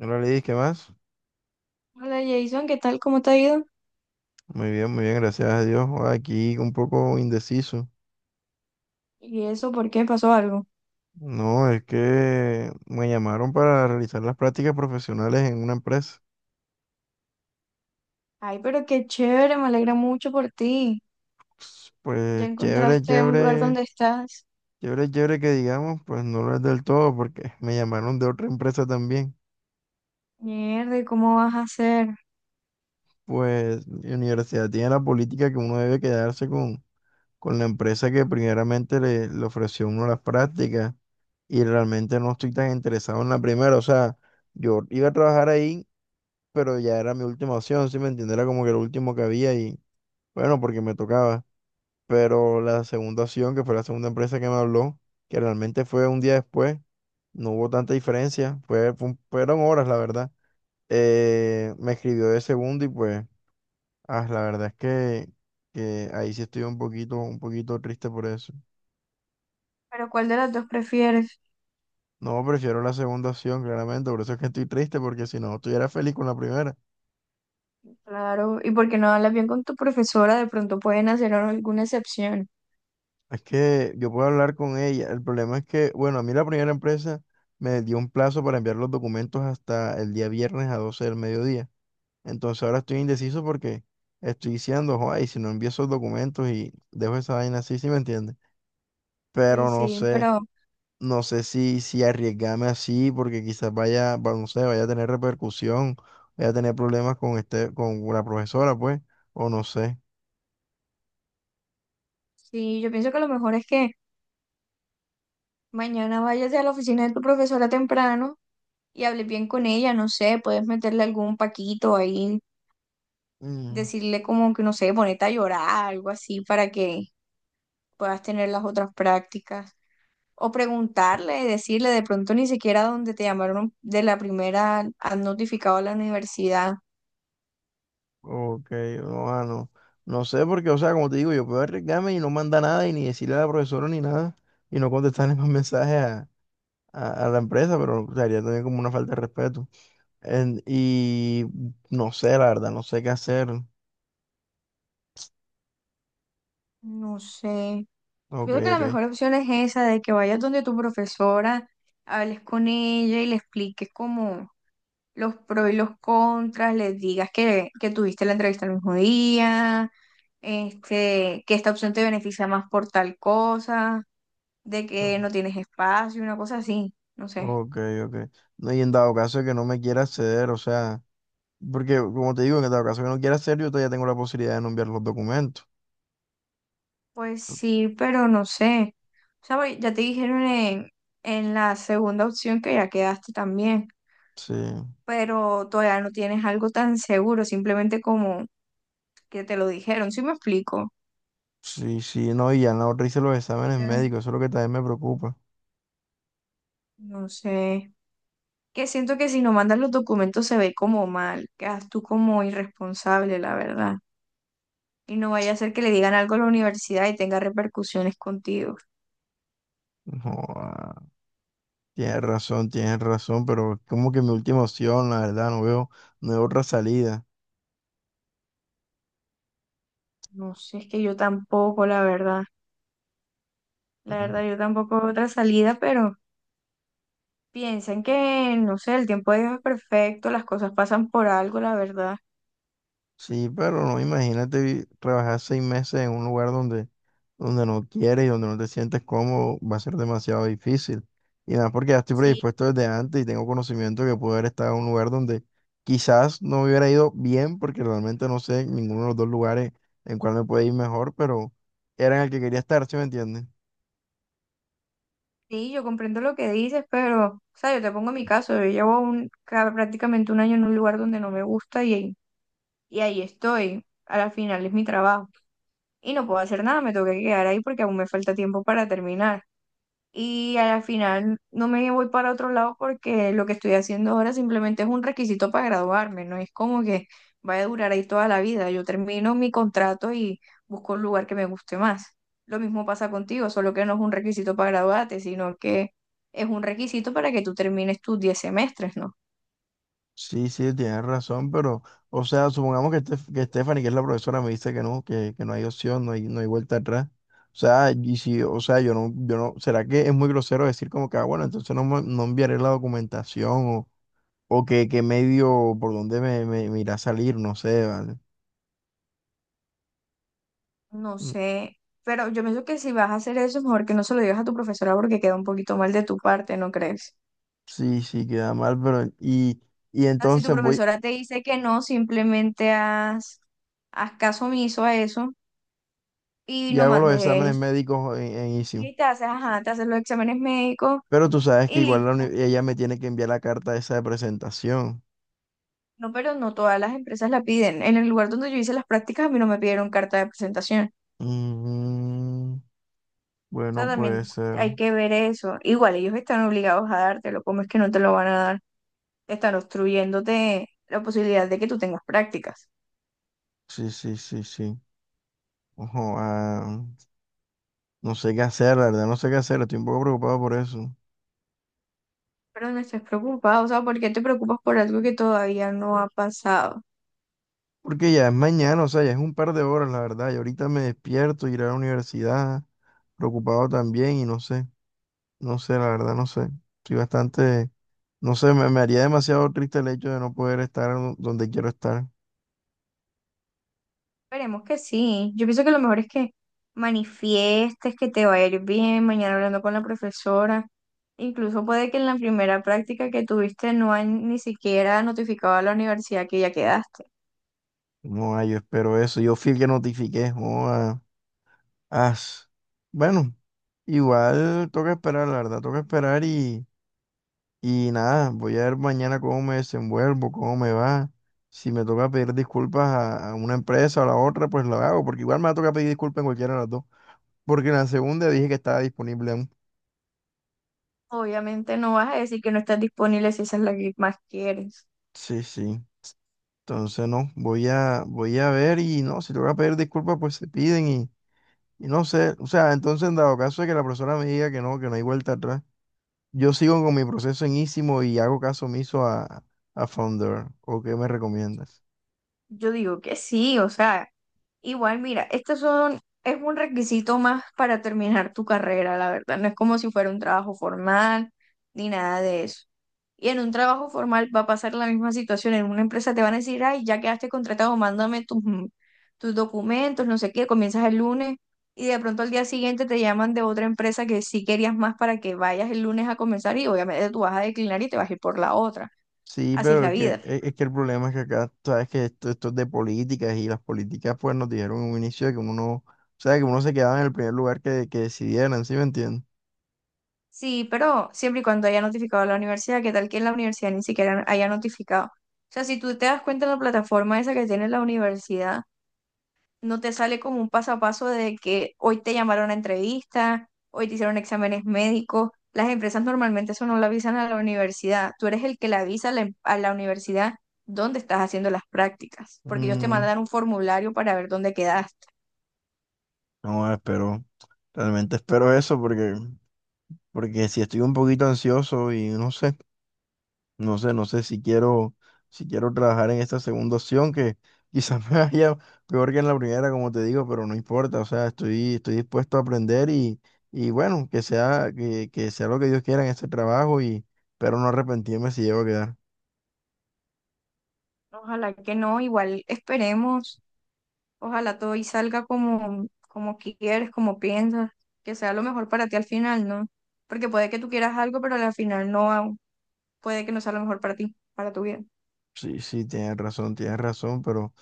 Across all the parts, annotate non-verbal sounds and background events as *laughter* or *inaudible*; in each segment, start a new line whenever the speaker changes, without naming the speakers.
Hola Lidis, ¿qué más?
Hola Jason, ¿qué tal? ¿Cómo te ha ido?
Muy bien, gracias a Dios. Joda, aquí un poco indeciso.
¿Y eso por qué pasó algo?
No, es que me llamaron para realizar las prácticas profesionales en una empresa.
Ay, pero qué chévere, me alegra mucho por ti.
Pues
Ya
pues, chévere,
encontraste un lugar
chévere,
donde estás.
chévere, chévere que digamos, pues no lo es del todo porque me llamaron de otra empresa también.
Mierda, ¿y cómo vas a hacer?
Pues mi universidad tiene la política que uno debe quedarse con la empresa que primeramente le ofreció a uno las prácticas y realmente no estoy tan interesado en la primera. O sea, yo iba a trabajar ahí pero ya era mi última opción, ¿sí me entiendes? Era como que lo último que había y bueno, porque me tocaba. Pero la segunda opción, que fue la segunda empresa que me habló, que realmente fue un día después, no hubo tanta diferencia, fueron horas, la verdad. Me escribió de segundo y pues, la verdad es que ahí sí estoy un poquito triste por eso.
Pero ¿cuál de las dos prefieres?
No, prefiero la segunda opción, claramente, por eso es que estoy triste, porque si no, estuviera feliz con la primera.
Claro, y porque no hablas bien con tu profesora, de pronto pueden hacer alguna excepción.
Es que yo puedo hablar con ella. El problema es que, bueno, a mí la primera empresa me dio un plazo para enviar los documentos hasta el día viernes a 12 del mediodía. Entonces ahora estoy indeciso porque estoy diciendo, ay, si no envío esos documentos y dejo esa vaina así, ¿sí me entiendes?
Sí,
Pero no
sí,
sé,
pero
no sé si, si arriesgarme así porque quizás vaya, va- no sé, vaya a tener repercusión, vaya a tener problemas con este, con la profesora, pues, o no sé.
sí, yo pienso que lo mejor es que mañana vayas a la oficina de tu profesora temprano y hables bien con ella, no sé, puedes meterle algún paquito ahí decirle como que, no sé, ponete a llorar, algo así, para que puedas tener las otras prácticas. O preguntarle, decirle de pronto ni siquiera donde te llamaron de la primera, han notificado a la universidad.
Ok, no, no. No sé porque, o sea, como te digo, yo puedo arriesgarme y no mandar nada y ni decirle a la profesora ni nada y no contestarle *laughs* más mensajes a, a la empresa, pero sería también como una falta de respeto. Y no sé, la verdad, no sé qué hacer.
No sé. Yo
Ok,
creo que la
ok.
mejor opción es esa, de que vayas donde tu profesora, hables con ella y le expliques como los pros y los contras, les digas que tuviste la entrevista el mismo día, este, que esta opción te beneficia más por tal cosa de que
No,
no tienes espacio, una cosa así, no sé.
ok, ok. No, y en dado caso de que no me quiera acceder, o sea, porque como te digo, en dado caso de que no quiera acceder, yo todavía tengo la posibilidad de no enviar los documentos.
Pues sí, pero no sé. O sea, ya te dijeron en la segunda opción que ya quedaste también,
Sí,
pero todavía no tienes algo tan seguro, simplemente como que te lo dijeron, ¿sí me explico?
sí, sí, no, y ya en la no hice los exámenes
Pues,
médicos, eso es lo que también me preocupa.
no sé. Que siento que si no mandas los documentos se ve como mal, quedas tú como irresponsable, la verdad. Y no vaya a ser que le digan algo a la universidad y tenga repercusiones contigo.
Joda, tienes razón, pero como que mi última opción, la verdad, no veo, no veo otra salida.
No sé, es que yo tampoco, la verdad. La
Ujú.
verdad, yo tampoco veo otra salida, pero piensan que, no sé, el tiempo de Dios es perfecto, las cosas pasan por algo, la verdad.
Sí, pero no, imagínate trabajar 6 meses en un lugar donde, donde no quieres y donde no te sientes cómodo, va a ser demasiado difícil. Y nada, porque ya estoy
Sí,
predispuesto desde antes y tengo conocimiento que puedo haber estado en un lugar donde quizás no me hubiera ido bien, porque realmente no sé ninguno de los dos lugares en cuál me puede ir mejor, pero era en el que quería estar, ¿sí me entiendes?
sí, yo comprendo lo que dices, pero, o sea, yo te pongo mi caso, yo llevo prácticamente un año en un lugar donde no me gusta y ahí estoy, a la final es mi trabajo. Y no puedo hacer nada, me tengo que quedar ahí porque aún me falta tiempo para terminar. Y a la final no me voy para otro lado porque lo que estoy haciendo ahora simplemente es un requisito para graduarme, no es como que vaya a durar ahí toda la vida. Yo termino mi contrato y busco un lugar que me guste más. Lo mismo pasa contigo, solo que no es un requisito para graduarte, sino que es un requisito para que tú termines tus 10 semestres, ¿no?
Sí, sí, tienes razón, pero, o sea, supongamos que que Stephanie, que es la profesora, me dice que no, que no hay opción, no hay, no hay vuelta atrás. O sea, y si, o sea, yo no, ¿será que es muy grosero decir como que, ah, bueno, entonces no, no enviaré la documentación o que medio por dónde me irá a salir, no sé, ¿vale?
No
Mm,
sé, pero yo pienso que si vas a hacer eso, mejor que no se lo digas a tu profesora porque queda un poquito mal de tu parte, ¿no crees?
Sí, sí, queda mal, y
Si tu
entonces voy
profesora te dice que no, simplemente haz caso omiso a eso y
y
no
hago los exámenes
mandes.
médicos en ISIM.
Y te haces, ajá, te haces los exámenes médicos
Pero tú sabes que
y
igual la
listo.
ella me tiene que enviar la carta esa de presentación.
No, pero no todas las empresas la piden. En el lugar donde yo hice las prácticas, a mí no me pidieron carta de presentación. O
Mm,
sea,
Bueno, puede
también
ser.
hay que ver eso. Igual, ellos están obligados a dártelo. ¿Cómo es que no te lo van a dar? Están obstruyéndote la posibilidad de que tú tengas prácticas.
Sí, sí, sí, sí. Ojo, no sé qué hacer, la verdad, no sé qué hacer. Estoy un poco preocupado por eso.
Pero no estés preocupado, o sea, ¿por qué te preocupas por algo que todavía no ha pasado?
Porque ya es mañana, o sea, ya es un par de horas, la verdad. Y ahorita me despierto, iré a la universidad, preocupado también, y no sé, no sé, la verdad, no sé. Estoy bastante, no sé, me haría demasiado triste el hecho de no poder estar donde quiero estar.
Esperemos que sí. Yo pienso que lo mejor es que manifiestes que te va a ir bien mañana hablando con la profesora. Incluso puede que en la primera práctica que tuviste no han ni siquiera notificado a la universidad que ya quedaste.
No, yo espero eso. Yo fui el que notifiqué. Oh, ah, as. Bueno, igual toca esperar, la verdad, toca esperar y... Y nada, voy a ver mañana cómo me desenvuelvo, cómo me va. Si me toca pedir disculpas a una empresa o a la otra, pues lo hago, porque igual me va a tocar pedir disculpas en cualquiera de las dos. Porque en la segunda dije que estaba disponible aún.
Obviamente no vas a decir que no estás disponible si esa es la que más quieres.
Sí, sí. Entonces no, voy a ver y no, si toca pedir disculpas, pues se piden y no sé. O sea, entonces en dado caso de que la persona me diga que no hay vuelta atrás, yo sigo con mi proceso en Ísimo y hago caso omiso a Founder. ¿O qué me recomiendas?
Yo digo que sí, o sea. Igual, mira, estos son, es un requisito más para terminar tu carrera, la verdad. No es como si fuera un trabajo formal ni nada de eso. Y en un trabajo formal va a pasar la misma situación. En una empresa te van a decir, ay, ya quedaste contratado, mándame tus, tus documentos, no sé qué, comienzas el lunes y de pronto al día siguiente te llaman de otra empresa que sí querías más para que vayas el lunes a comenzar y obviamente tú vas a declinar y te vas a ir por la otra.
Sí,
Así es
pero
la
es que,
vida.
es que el problema es que acá, tú sabes que esto es de políticas y las políticas pues nos dijeron en un inicio de que uno, no, o sea, que uno se quedaba en el primer lugar que decidieran, ¿sí me entiendes?
Sí, pero siempre y cuando haya notificado a la universidad, ¿qué tal que en la universidad ni siquiera haya notificado? O sea, si tú te das cuenta en la plataforma esa que tiene la universidad, no te sale como un paso a paso de que hoy te llamaron a entrevista, hoy te hicieron exámenes médicos. Las empresas normalmente eso no lo avisan a la universidad. Tú eres el que le avisa a la, a la universidad dónde estás haciendo las prácticas, porque ellos te
Mm,
mandan un formulario para ver dónde quedaste.
no, espero, realmente espero eso porque, porque si estoy un poquito ansioso y no sé. No sé, no sé si quiero, si quiero trabajar en esta segunda opción, que *laughs* quizás me vaya peor que en la primera, como te digo, pero no importa. O sea, estoy, estoy dispuesto a aprender y bueno, que sea, que sea lo que Dios quiera en este trabajo y pero no arrepentirme si llego a quedar.
Ojalá que no, igual esperemos. Ojalá todo y salga como, como quieres, como piensas, que sea lo mejor para ti al final, ¿no? Porque puede que tú quieras algo, pero al final no, puede que no sea lo mejor para ti, para tu vida.
Sí, sí, tienes razón,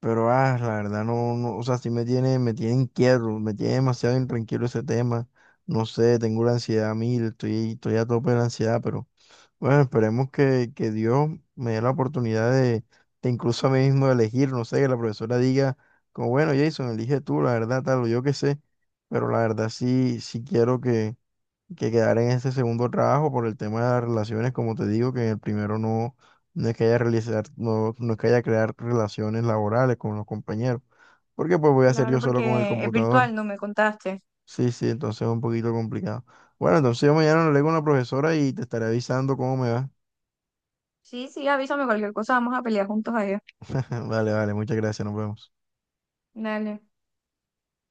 pero ah, la verdad no, no, o sea, sí me tiene inquieto, me tiene demasiado intranquilo ese tema. No sé, tengo la ansiedad a mil, estoy, estoy a tope de la ansiedad, pero. Bueno, esperemos que Dios me dé la oportunidad de incluso a mí mismo elegir, no sé, que la profesora diga, como bueno, Jason, elige tú, la verdad, tal, o yo qué sé, pero la verdad sí, sí quiero que quedar en este segundo trabajo por el tema de las relaciones, como te digo, que en el primero no, no es que haya realizar, no, no es que haya crear relaciones laborales con los compañeros, porque pues voy a hacer
Claro,
yo solo con el
porque es
computador.
virtual, no me contaste.
Sí, sí, entonces es un poquito complicado. Bueno, entonces yo mañana le leo con la profesora y te estaré avisando cómo me va.
Sí, sí, avísame cualquier cosa, vamos a pelear juntos allá.
*laughs* Vale, vale, muchas gracias, nos vemos.
Dale.